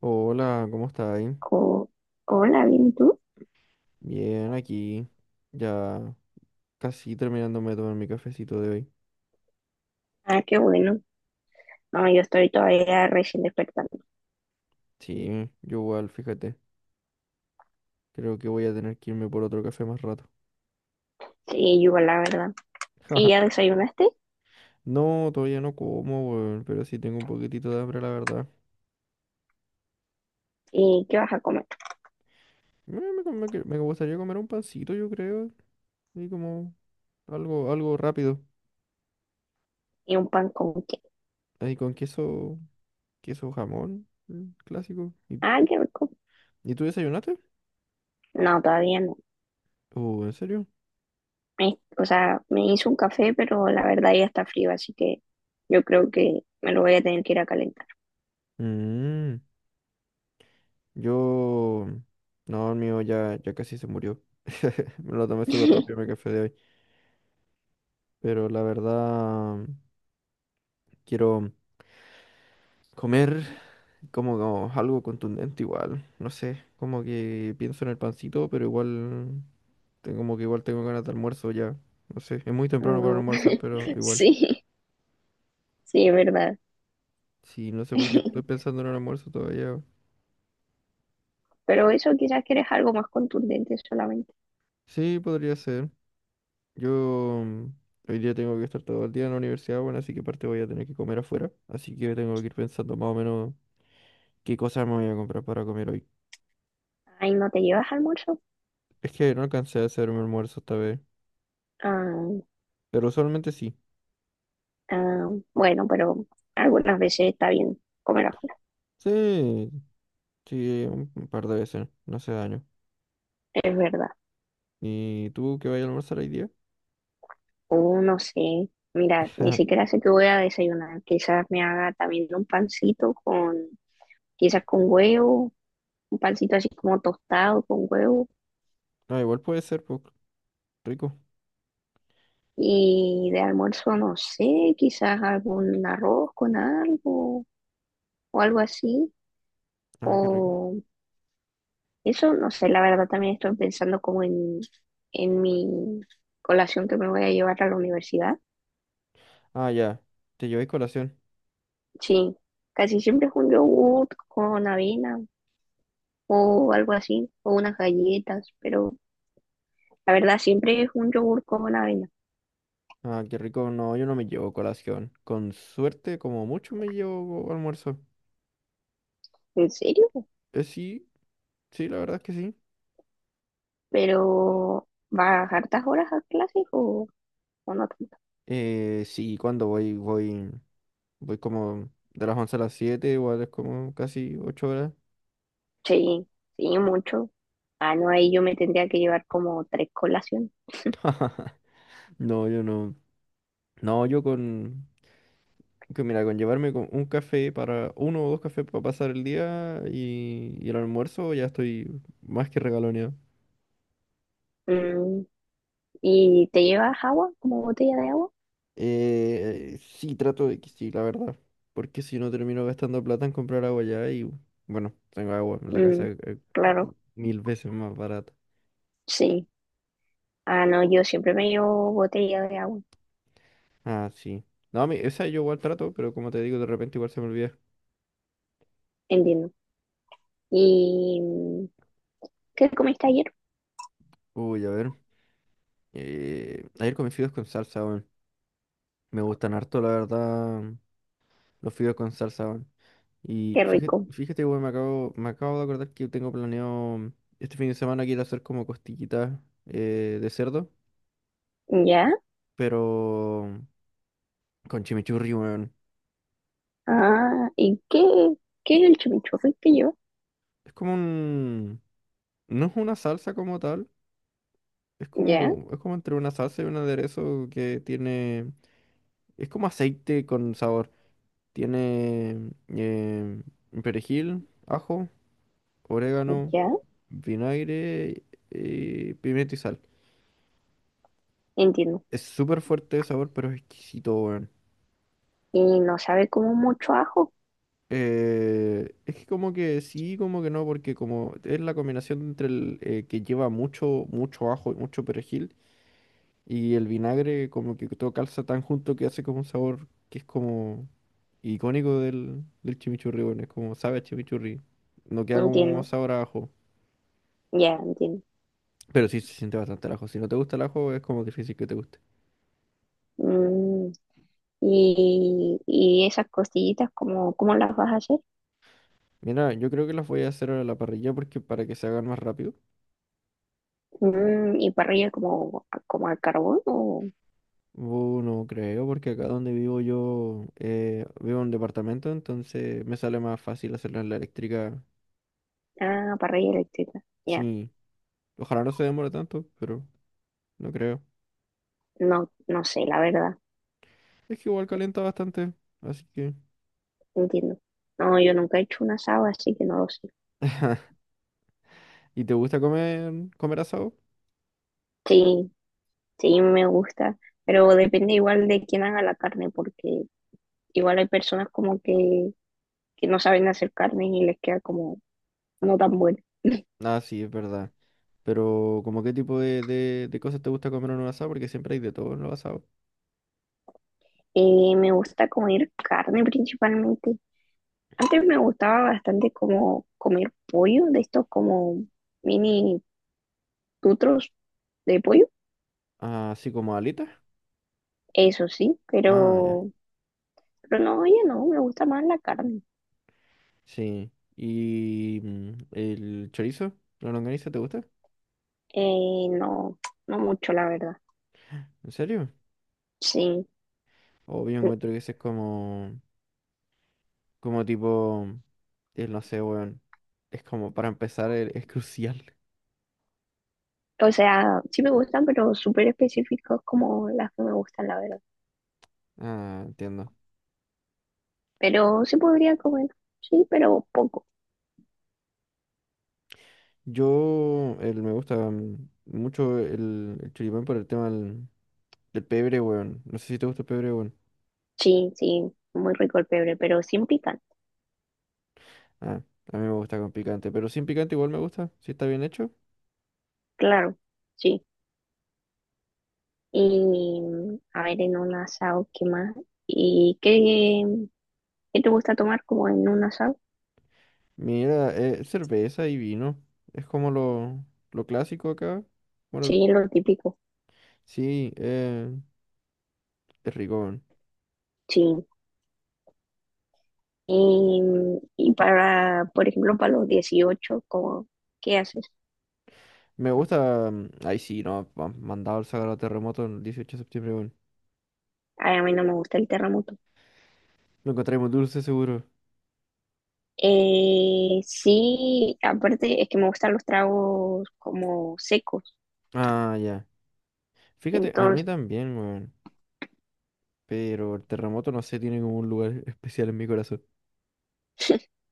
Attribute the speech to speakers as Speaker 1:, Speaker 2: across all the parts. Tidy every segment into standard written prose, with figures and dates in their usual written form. Speaker 1: Hola, ¿cómo estáis?
Speaker 2: Oh, hola, bien, ¿y tú?
Speaker 1: Bien, aquí. Ya casi terminándome de tomar mi cafecito de hoy.
Speaker 2: Ah, qué bueno. No, yo estoy todavía recién despertando.
Speaker 1: Sí, yo igual, fíjate. Creo que voy a tener que irme por otro café más rato.
Speaker 2: Sí, yo la verdad. ¿Y ya desayunaste?
Speaker 1: No, todavía no como, weón, pero sí tengo un poquitito de hambre, la verdad.
Speaker 2: ¿Y qué vas a comer?
Speaker 1: Me gustaría comer un pancito, yo creo. Y como algo, algo rápido.
Speaker 2: ¿Y un pan con qué?
Speaker 1: Ahí con queso, queso jamón, mm, clásico.
Speaker 2: Ah, qué rico.
Speaker 1: Y tú desayunaste?
Speaker 2: No, todavía no.
Speaker 1: ¿En serio?
Speaker 2: O sea, me hice un café, pero la verdad ya está frío, así que yo creo que me lo voy a tener que ir a calentar.
Speaker 1: Mmm. Yo, no, el mío ya, casi se murió. Me lo tomé súper rápido mi café de hoy. Pero la verdad, quiero comer como, como algo contundente igual. No sé, como que pienso en el pancito, pero igual, tengo, como que igual tengo ganas de almuerzo ya. No sé, es muy temprano para
Speaker 2: Mm,
Speaker 1: almorzar, pero igual.
Speaker 2: sí, sí, es verdad.
Speaker 1: Sí, no sé por qué estoy pensando en el almuerzo todavía.
Speaker 2: Pero eso quizás quieres algo más contundente solamente.
Speaker 1: Sí, podría ser. Yo hoy día tengo que estar todo el día en la universidad, bueno, así que aparte voy a tener que comer afuera. Así que tengo que ir pensando más o menos qué cosas me voy a comprar para comer hoy.
Speaker 2: Ay, ¿no te llevas almuerzo?
Speaker 1: Es que no alcancé a hacer mi almuerzo esta vez,
Speaker 2: Ah.
Speaker 1: pero usualmente sí.
Speaker 2: Ah, bueno, pero algunas veces está bien comer afuera,
Speaker 1: Sí, sí, un par de veces, no hace daño.
Speaker 2: es verdad.
Speaker 1: ¿Y tú qué vayas a almorzar hoy día?
Speaker 2: O no sé, mira, ni siquiera sé qué voy a desayunar. Quizás me haga también un pancito quizás con huevo, un pancito así como tostado con huevo.
Speaker 1: No, igual puede ser, pues, rico.
Speaker 2: Y de almuerzo, no sé, quizás algún arroz con algo o algo así.
Speaker 1: Ah, qué rico.
Speaker 2: O eso, no sé, la verdad también estoy pensando como en mi colación que me voy a llevar a la universidad.
Speaker 1: Ah, ya, te llevé colación.
Speaker 2: Sí, casi siempre es un yogur con avena o algo así, o unas galletas, pero la verdad siempre es un yogur con avena.
Speaker 1: Ah, qué rico. No, yo no me llevo colación. Con suerte, como mucho me llevo almuerzo.
Speaker 2: ¿En serio?
Speaker 1: Sí, sí, la verdad es que sí.
Speaker 2: ¿Pero vas hartas horas a clases o no tanto?
Speaker 1: Sí, cuando voy, como de las 11 a las siete, igual es como casi 8 horas.
Speaker 2: Sí, sí, mucho. Ah, no, ahí yo me tendría que llevar como tres colaciones.
Speaker 1: No, yo no. No, yo con, que mira, con llevarme con un café para, uno o dos cafés para pasar el día y el almuerzo, ya estoy más que regaloneado.
Speaker 2: Mm, ¿y te llevas agua, como botella de agua?
Speaker 1: Sí, trato de que sí, la verdad. Porque si no termino gastando plata en comprar agua ya y, bueno, tengo agua en la casa
Speaker 2: Mm, claro,
Speaker 1: mil veces más barata.
Speaker 2: sí. Ah, no, yo siempre me llevo botella de agua,
Speaker 1: Ah, sí. No, a mí, esa yo igual trato, pero como te digo, de repente igual se me olvida.
Speaker 2: entiendo. ¿Y qué comiste ayer?
Speaker 1: Uy, a ver. Ayer comí fideos con salsa, weón. Me gustan harto, la verdad, mm, los fideos con salsa, weón. Y
Speaker 2: Qué
Speaker 1: fíjate,
Speaker 2: rico.
Speaker 1: fíjate, weón, me acabo de acordar que tengo planeado este fin de semana quiero hacer como costillitas de cerdo,
Speaker 2: ¿Ya?
Speaker 1: pero con chimichurri, weón.
Speaker 2: Ah, ¿y qué es el chimichurri que lleva?
Speaker 1: Es como un... No es una salsa como tal,
Speaker 2: ¿Ya?
Speaker 1: es como entre una salsa y un aderezo que tiene... Es como aceite con sabor. Tiene eh, perejil, ajo, orégano,
Speaker 2: ¿Ya?
Speaker 1: vinagre, pimienta y sal.
Speaker 2: Entiendo.
Speaker 1: Es súper fuerte de sabor, pero es exquisito, weón.
Speaker 2: Y no sabe como mucho ajo.
Speaker 1: Es que como que sí, como que no, porque como es la combinación entre el que lleva mucho, mucho ajo y mucho perejil y el vinagre, como que todo calza tan junto que hace como un sabor que es como icónico del, del chimichurri, bueno, es como sabe a chimichurri, no queda como
Speaker 2: Entiendo.
Speaker 1: sabor a ajo,
Speaker 2: Ya, entiendo.
Speaker 1: pero sí se siente bastante el ajo. Si no te gusta el ajo, es como difícil que te guste.
Speaker 2: Mm, y esas costillitas, ¿cómo las vas a hacer?
Speaker 1: Mira, yo creo que las voy a hacer a la parrilla porque para que se hagan más rápido.
Speaker 2: ¿Y parrilla como al carbón o...?
Speaker 1: No creo, porque acá donde vivo yo vivo en un departamento, entonces me sale más fácil hacerlas en la eléctrica.
Speaker 2: Ah, parrilla eléctrica. Ya.
Speaker 1: Sí, ojalá no se demore tanto, pero no creo.
Speaker 2: No, no sé, la verdad.
Speaker 1: Es que igual calienta bastante, así que...
Speaker 2: Entiendo. No, yo nunca he hecho un asado, así que no lo sé.
Speaker 1: ¿Y te gusta comer, comer asado?
Speaker 2: Sí, sí, me gusta, pero depende igual de quién haga la carne, porque igual hay personas como que no saben hacer carne y les queda como no tan buena.
Speaker 1: Ah, sí, es verdad. Pero, ¿como qué tipo de cosas te gusta comer en un asado? Porque siempre hay de todo en los asados.
Speaker 2: Me gusta comer carne principalmente. Antes me gustaba bastante como comer pollo, de estos como mini tutros de pollo,
Speaker 1: Ah, así como alitas.
Speaker 2: eso sí,
Speaker 1: Ah, ya.
Speaker 2: pero no, oye, no, me gusta más la carne.
Speaker 1: Sí. ¿Y el chorizo? ¿La longaniza te gusta?
Speaker 2: No, no mucho, la verdad.
Speaker 1: ¿En serio?
Speaker 2: Sí.
Speaker 1: O yo encuentro que ese es como, como tipo, no sé, weón. Es como, para empezar, es crucial.
Speaker 2: O sea, sí me gustan, pero súper específicos como las que me gustan, la verdad.
Speaker 1: Ah, entiendo.
Speaker 2: Pero sí podría comer, sí, pero poco.
Speaker 1: Yo, el, me gusta mucho el choripán por el tema del, del pebre, weón. No sé si te gusta el pebre, weón.
Speaker 2: Sí, sí, muy rico el pebre, pero sin picar,
Speaker 1: Ah, a mí me gusta con picante, pero sin picante igual me gusta, si está bien hecho.
Speaker 2: claro, sí. Y a ver, en un asado, ¿qué más? ¿Y qué te gusta tomar como en un asado?
Speaker 1: Mira, cerveza y vino. Es como lo clásico acá. Bueno,
Speaker 2: Sí, lo típico,
Speaker 1: sí, es rico, weón.
Speaker 2: sí. Y para, por ejemplo, para los 18 como, ¿qué haces?
Speaker 1: Me gusta. Ay, sí, no, mandado el sagrado terremoto el 18 de septiembre, weón.
Speaker 2: Ay, a mí no me gusta el terremoto.
Speaker 1: Lo encontré muy dulce, seguro.
Speaker 2: Sí, aparte es que me gustan los tragos como secos,
Speaker 1: Ah, ya. Fíjate, a mí
Speaker 2: entonces
Speaker 1: también, weón. Pero el terremoto, no sé, tiene como un lugar especial en mi corazón.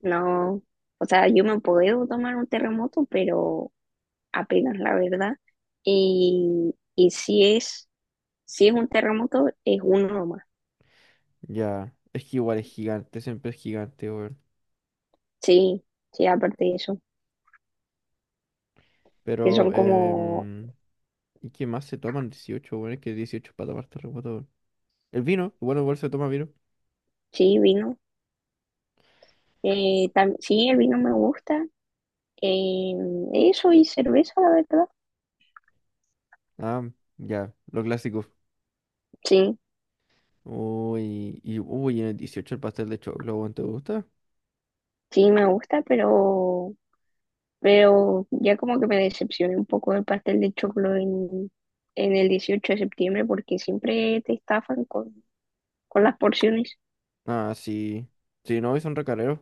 Speaker 2: no, o sea, yo me puedo tomar un terremoto, pero apenas la verdad. Y si es un terremoto, es uno más.
Speaker 1: Ya. Es que igual es gigante, siempre es gigante, weón.
Speaker 2: Sí, sí, aparte de eso, que son
Speaker 1: Pero,
Speaker 2: como,
Speaker 1: ¿y qué más se toman dieciocho, weón? Es que 18 para tomar terremoto, weón. El vino, bueno, igual se toma vino.
Speaker 2: sí, vino. Sí, el vino me gusta. eh, eso y cerveza, la verdad.
Speaker 1: Ah, ya, lo clásico.
Speaker 2: Sí,
Speaker 1: Uy, y uy, en el 18 el pastel de choclo, weón, ¿te gusta?
Speaker 2: sí, me gusta, pero ya como que me decepcioné un poco del pastel de choclo en, el 18 de septiembre porque siempre te estafan con las porciones.
Speaker 1: Ah, sí. Sí, no, y son recareros.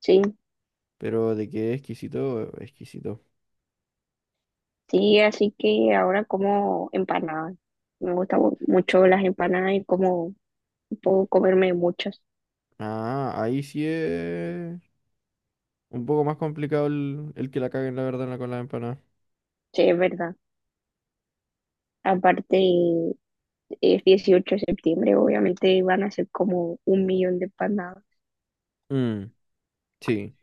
Speaker 2: Sí,
Speaker 1: Pero de qué exquisito, exquisito.
Speaker 2: sí, así que ahora como empanadas. Mucho las empanadas y como puedo comerme muchas.
Speaker 1: Ah, ahí sí es un poco más complicado el que la caguen, la verdad, en la- con la empanada.
Speaker 2: Sí, es verdad. Aparte, es 18 de septiembre, obviamente van a ser como un millón de empanadas.
Speaker 1: Mm, sí.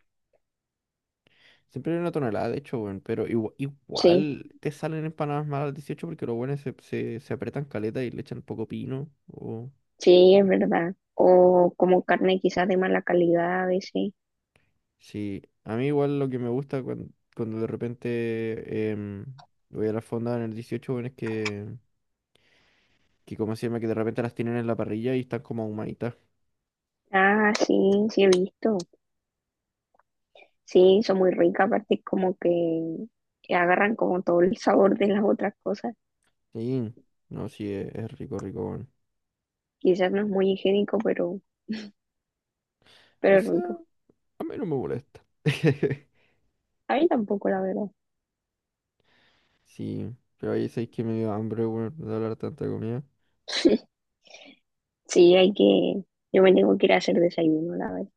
Speaker 1: Siempre hay una tonelada, de hecho, weón. Pero
Speaker 2: Sí,
Speaker 1: igual, te salen empanadas malas al 18 porque los buenos se, se, se apretan caleta y le echan poco pino. O
Speaker 2: sí, es verdad. O como carne quizás de mala calidad a veces.
Speaker 1: sí, a mí igual lo que me gusta cuando, cuando de repente voy a la fonda en el dieciocho, bueno, es que, ¿cómo se llama? Que de repente las tienen en la parrilla y están como ahumaditas.
Speaker 2: Ah, sí, sí he visto. Sí, son muy ricas, aparte como que agarran como todo el sabor de las otras cosas.
Speaker 1: Sí, no, sí, es rico, rico, bueno.
Speaker 2: Quizás no es muy higiénico,
Speaker 1: O
Speaker 2: pero es
Speaker 1: sea,
Speaker 2: rico.
Speaker 1: a mí no me molesta.
Speaker 2: A mí tampoco, la verdad.
Speaker 1: Sí, pero ahí sabéis que me dio hambre, bueno, de hablar tanta comida.
Speaker 2: Sí, hay que, yo me tengo que ir a hacer desayuno, la verdad.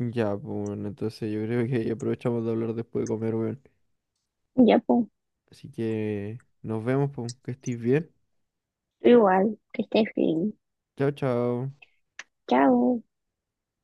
Speaker 1: Ya, pues, bueno, entonces yo creo que aprovechamos de hablar después de comer, bueno.
Speaker 2: Ya, pues,
Speaker 1: Así que nos vemos, pues, que estés bien.
Speaker 2: igual, que estés bien.
Speaker 1: Chao, chao.
Speaker 2: Chao.